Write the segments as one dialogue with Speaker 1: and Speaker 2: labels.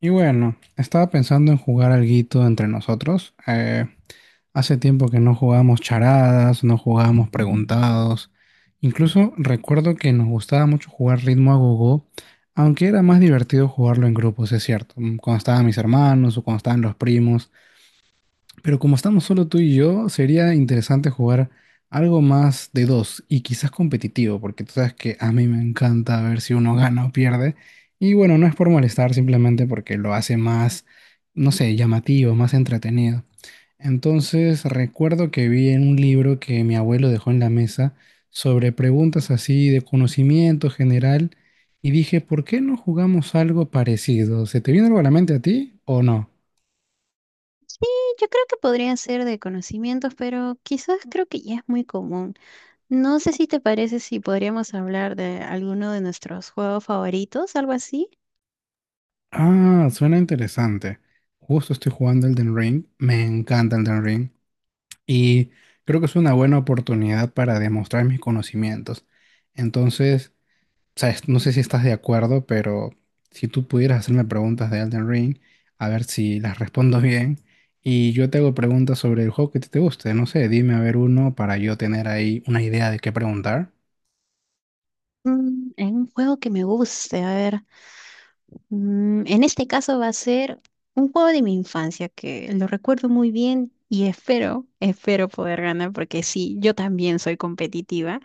Speaker 1: Y bueno, estaba pensando en jugar alguito entre nosotros. Hace tiempo que no jugábamos charadas, no jugábamos preguntados. Incluso recuerdo que nos gustaba mucho jugar ritmo a gogo, aunque era más divertido jugarlo en grupos, es cierto. Cuando estaban mis hermanos o cuando estaban los primos, pero como estamos solo tú y yo, sería interesante jugar algo más de dos y quizás competitivo, porque tú sabes que a mí me encanta ver si uno gana o pierde. Y bueno, no es por molestar, simplemente porque lo hace más, no sé, llamativo, más entretenido. Entonces, recuerdo que vi en un libro que mi abuelo dejó en la mesa sobre preguntas así de conocimiento general y dije, ¿por qué no jugamos algo parecido? ¿Se te viene algo a la mente a ti o no?
Speaker 2: Sí, yo creo que podría ser de conocimientos, pero quizás creo que ya es muy común. No sé si te parece si podríamos hablar de alguno de nuestros juegos favoritos, algo así.
Speaker 1: Ah, suena interesante. Justo estoy jugando Elden Ring. Me encanta Elden Ring. Y creo que es una buena oportunidad para demostrar mis conocimientos. Entonces, sabes, no sé si estás de acuerdo, pero si tú pudieras hacerme preguntas de Elden Ring, a ver si las respondo bien. Y yo te hago preguntas sobre el juego que te guste. No sé, dime a ver uno para yo tener ahí una idea de qué preguntar.
Speaker 2: Mm, en un juego que me guste, a ver. En este caso va a ser un juego de mi infancia que lo recuerdo muy bien y espero poder ganar porque sí, yo también soy competitiva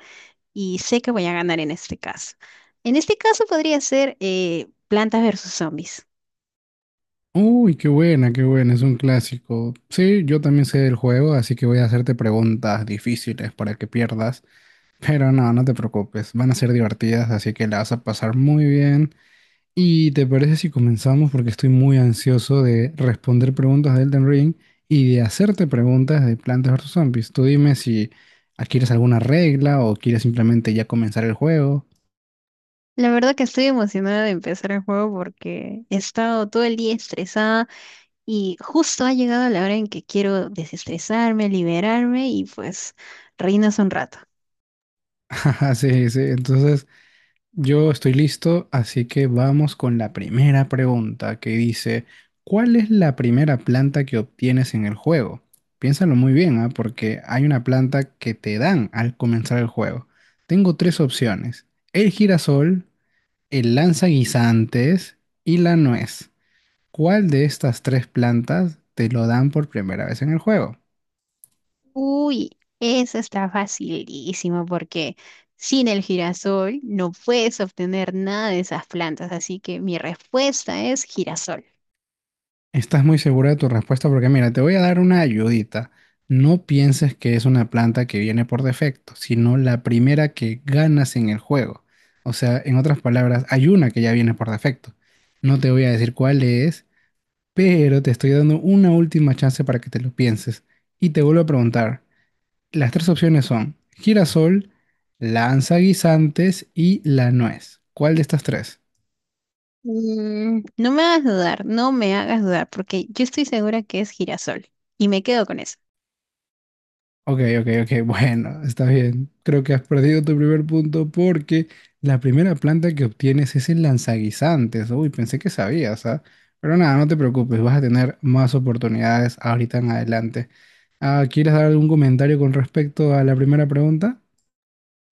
Speaker 2: y sé que voy a ganar en este caso. En este caso podría ser Plantas versus Zombies.
Speaker 1: Uy, qué buena, es un clásico. Sí, yo también sé del juego, así que voy a hacerte preguntas difíciles para que pierdas, pero no, no te preocupes, van a ser divertidas, así que la vas a pasar muy bien. ¿Y te parece si comenzamos? Porque estoy muy ansioso de responder preguntas de Elden Ring y de hacerte preguntas de Plantas vs Zombies. Tú dime si adquieres alguna regla o quieres simplemente ya comenzar el juego.
Speaker 2: La verdad que estoy emocionada de empezar el juego porque he estado todo el día estresada y justo ha llegado la hora en que quiero desestresarme, liberarme y pues reinas un rato.
Speaker 1: Sí, sí, entonces... Yo estoy listo, así que vamos con la primera pregunta que dice, ¿cuál es la primera planta que obtienes en el juego? Piénsalo muy bien, ¿ah? Porque hay una planta que te dan al comenzar el juego. Tengo tres opciones, el girasol, el lanzaguisantes y la nuez. ¿Cuál de estas tres plantas te lo dan por primera vez en el juego?
Speaker 2: Uy, esa está facilísima porque sin el girasol no puedes obtener nada de esas plantas, así que mi respuesta es girasol.
Speaker 1: Estás muy segura de tu respuesta porque mira, te voy a dar una ayudita. No pienses que es una planta que viene por defecto, sino la primera que ganas en el juego. O sea, en otras palabras, hay una que ya viene por defecto. No te voy a decir cuál es, pero te estoy dando una última chance para que te lo pienses. Y te vuelvo a preguntar, las tres opciones son girasol, lanza guisantes y la nuez. ¿Cuál de estas tres?
Speaker 2: Mm, no me hagas dudar, no me hagas dudar porque yo estoy segura que es girasol y me quedo con eso.
Speaker 1: Ok, ok, ok, bueno, está bien. Creo que has perdido tu primer punto porque la primera planta que obtienes es el lanzaguisantes. Uy, pensé que sabías, ¿ah? Pero nada, no te preocupes, vas a tener más oportunidades ahorita en adelante. Ah, ¿quieres dar algún comentario con respecto a la primera pregunta?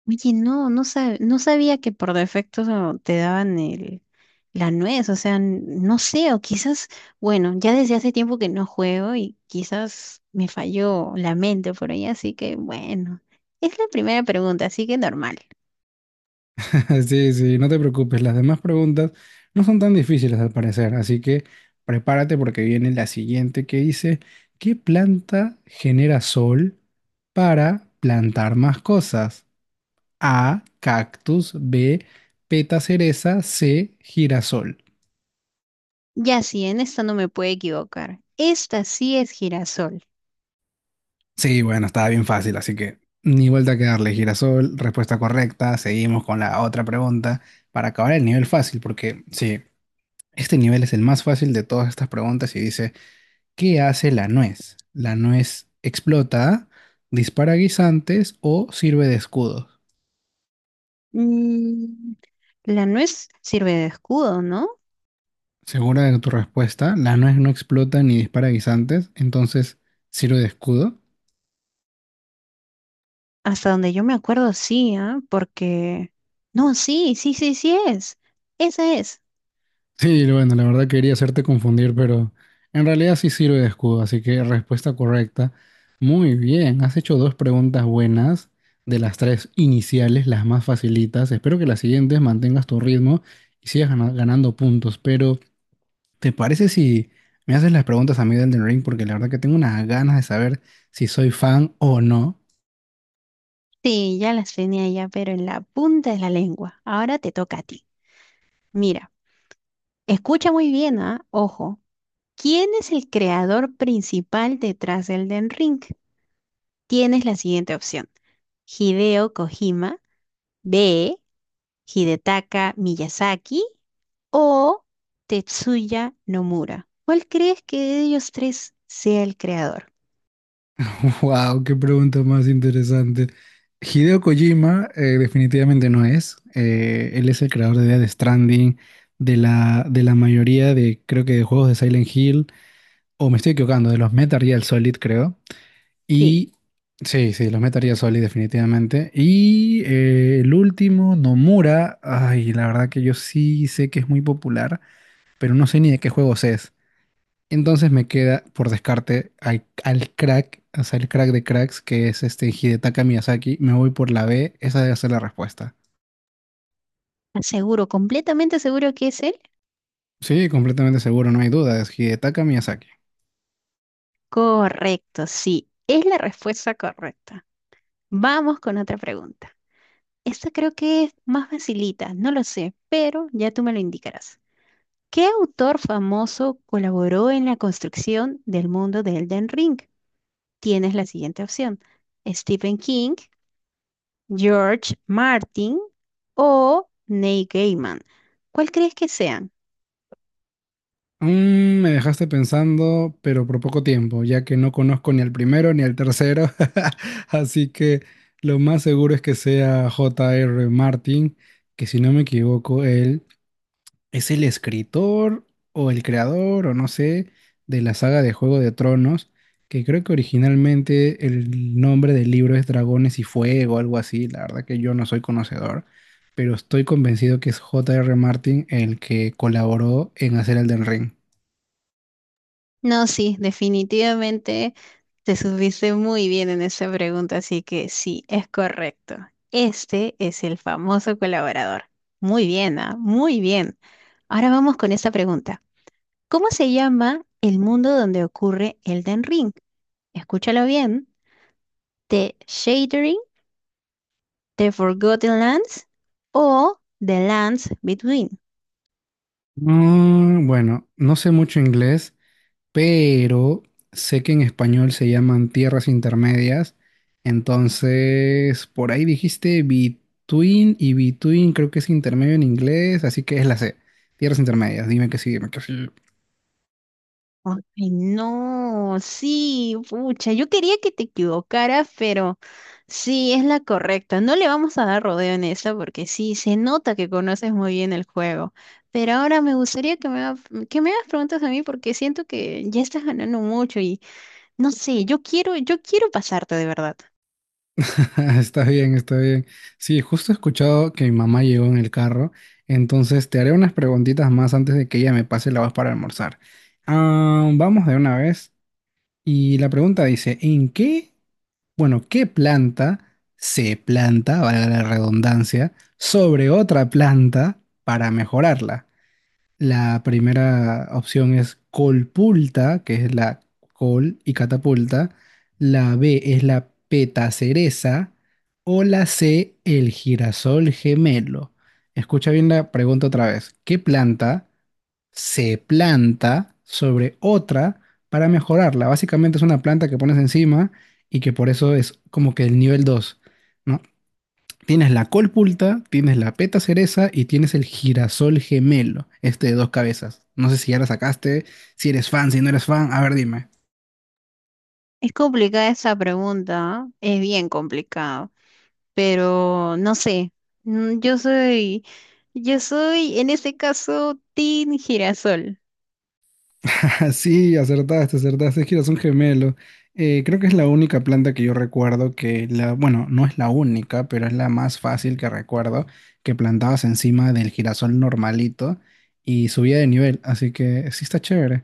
Speaker 2: Oye, no, no sabía que por defecto te daban la nuez, o sea, no sé, o quizás, bueno, ya desde hace tiempo que no juego y quizás me falló la mente por ahí, así que bueno, es la primera pregunta, así que normal.
Speaker 1: Sí, sí, no te preocupes, las demás preguntas no son tan difíciles al parecer, así que prepárate porque viene la siguiente que dice, ¿qué planta genera sol para plantar más cosas? A, cactus, B, peta cereza, C, girasol.
Speaker 2: Ya sí, en esta no me puedo equivocar. Esta sí es girasol.
Speaker 1: Sí, bueno, estaba bien fácil, así que ni vuelta que darle girasol, respuesta correcta. Seguimos con la otra pregunta para acabar el nivel fácil, porque sí, este nivel es el más fácil de todas estas preguntas y dice, ¿qué hace la nuez? ¿La nuez explota, dispara guisantes o sirve de escudo?
Speaker 2: Mm, la nuez sirve de escudo, ¿no?
Speaker 1: Segura de tu respuesta, la nuez no explota ni dispara guisantes, entonces sirve de escudo.
Speaker 2: Hasta donde yo me acuerdo, sí, ¿ah? Porque… No, sí, sí, sí, sí es. Esa es.
Speaker 1: Sí, bueno, la verdad quería hacerte confundir, pero en realidad sí sirve de escudo, así que respuesta correcta. Muy bien, has hecho dos preguntas buenas de las tres iniciales, las más facilitas. Espero que las siguientes mantengas tu ritmo y sigas ganando puntos, pero ¿te parece si me haces las preguntas a mí del Elden Ring? Porque la verdad que tengo unas ganas de saber si soy fan o no.
Speaker 2: Sí, ya las tenía ya, pero en la punta de la lengua. Ahora te toca a ti. Mira, escucha muy bien, ¿ah? Ojo. ¿Quién es el creador principal detrás del Den Ring? Tienes la siguiente opción. Hideo Kojima, B, Hidetaka Miyazaki o Tetsuya Nomura. ¿Cuál crees que de ellos tres sea el creador?
Speaker 1: Wow, qué pregunta más interesante. Hideo Kojima definitivamente no es. Él es el creador de Death Stranding, de la mayoría de, creo que de juegos de Silent Hill, o me estoy equivocando, de los Metal Gear Solid, creo.
Speaker 2: Sí,
Speaker 1: Y sí, sí, los Metal Gear Solid definitivamente. Y el último, Nomura, ay, la verdad que yo sí sé que es muy popular, pero no sé ni de qué juegos es. Entonces me queda por descarte al crack, o sea, el crack de cracks, que es este Hidetaka Miyazaki. Me voy por la B, esa debe ser la respuesta.
Speaker 2: aseguro, completamente seguro que es él.
Speaker 1: Sí, completamente seguro, no hay duda, es Hidetaka Miyazaki.
Speaker 2: Correcto, sí, es la respuesta correcta. Vamos con otra pregunta. Esta creo que es más facilita, no lo sé, pero ya tú me lo indicarás. ¿Qué autor famoso colaboró en la construcción del mundo de Elden Ring? Tienes la siguiente opción: Stephen King, George Martin o Neil Gaiman. ¿Cuál crees que sean?
Speaker 1: Mm, me dejaste pensando, pero por poco tiempo, ya que no conozco ni al primero ni al tercero. Así que lo más seguro es que sea J.R. Martin, que si no me equivoco, él es el escritor o el creador o no sé de la saga de Juego de Tronos, que creo que originalmente el nombre del libro es Dragones y Fuego, algo así. La verdad que yo no soy conocedor, pero estoy convencido que es J. R. Martin el que colaboró en hacer Elden Ring.
Speaker 2: No, sí, definitivamente te subiste muy bien en esa pregunta, así que sí, es correcto. Este es el famoso colaborador. Muy bien, ah, muy bien. Ahora vamos con esta pregunta. ¿Cómo se llama el mundo donde ocurre Elden Ring? Escúchalo bien. ¿The Shadering, The Forgotten Lands o The Lands Between?
Speaker 1: Mm, bueno, no sé mucho inglés. Pero sé que en español se llaman tierras intermedias. Entonces, por ahí dijiste between y between creo que es intermedio en inglés, así que es la C. Tierras intermedias, dime que sí, dime que sí.
Speaker 2: Ay, no, sí, pucha, yo quería que te equivocaras, pero sí, es la correcta. No le vamos a dar rodeo en esta porque sí, se nota que conoces muy bien el juego. Pero ahora me gustaría que que me hagas preguntas a mí porque siento que ya estás ganando mucho y no sé, yo quiero pasarte de verdad.
Speaker 1: Está bien, está bien. Sí, justo he escuchado que mi mamá llegó en el carro, entonces te haré unas preguntitas más antes de que ella me pase la voz para almorzar. Ah, vamos de una vez. Y la pregunta dice, ¿en qué, bueno, qué planta se planta, valga la redundancia, sobre otra planta para mejorarla? La primera opción es colpulta, que es la col y catapulta. La B es la petacereza. O la C, el girasol gemelo. Escucha bien la pregunta otra vez. ¿Qué planta se planta sobre otra para mejorarla? Básicamente es una planta que pones encima y que por eso es como que el nivel dos, ¿no? Tienes la colpulta, tienes la peta cereza y tienes el girasol gemelo, este de dos cabezas. No sé si ya la sacaste, si eres fan, si no eres fan, a ver, dime.
Speaker 2: Es complicada esa pregunta, ¿ah? Es bien complicado, pero no sé, mm, yo soy, yo soy en este caso Team Girasol.
Speaker 1: Sí, acertaste, acertaste. Es que eras un gemelo. Creo que es la única planta que yo recuerdo que la, bueno, no es la única, pero es la más fácil que recuerdo que plantabas encima del girasol normalito y subía de nivel. Así que sí está chévere.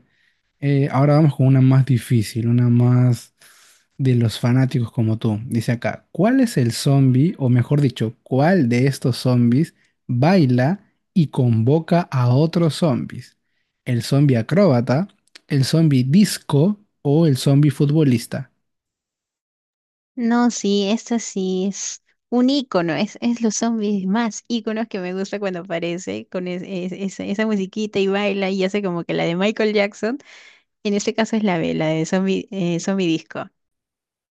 Speaker 1: Ahora vamos con una más difícil, una más de los fanáticos como tú. Dice acá, ¿cuál es el zombie, o mejor dicho, cuál de estos zombies baila y convoca a otros zombies? ¿El zombie acróbata, el zombie disco o el zombie futbolista?
Speaker 2: No, sí, esto sí es un ícono, es los zombies más íconos que me gusta cuando aparece con esa musiquita y baila y hace como que la de Michael Jackson. En este caso es la de Zombie, Zombie Disco.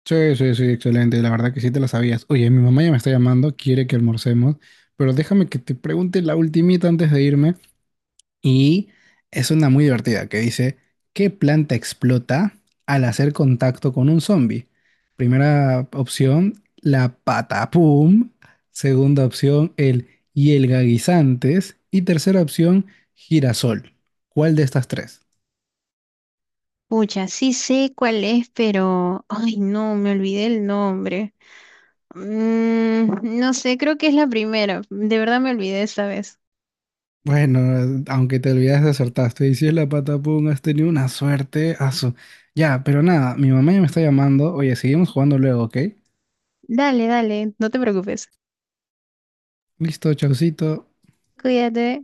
Speaker 1: Sí, sí, sí, excelente. La verdad que sí te la sabías. Oye, mi mamá ya me está llamando, quiere que almorcemos, pero déjame que te pregunte la ultimita antes de irme. Y es una muy divertida que dice, ¿qué planta explota al hacer contacto con un zombie? Primera opción, la patapum. Segunda opción, el hielga guisantes. Y tercera opción, girasol. ¿Cuál de estas tres?
Speaker 2: Pucha, sí sé cuál es, pero… Ay, no, me olvidé el nombre. Mm, no sé, creo que es la primera. De verdad me olvidé esta vez.
Speaker 1: Bueno, aunque te olvidaste, acertaste. Y si es la patapum, has tenido una suerte. Asu. Ya, pero nada, mi mamá ya me está llamando. Oye, seguimos jugando luego, ¿ok?
Speaker 2: Dale, dale, no te preocupes.
Speaker 1: Listo, chaucito.
Speaker 2: Cuídate.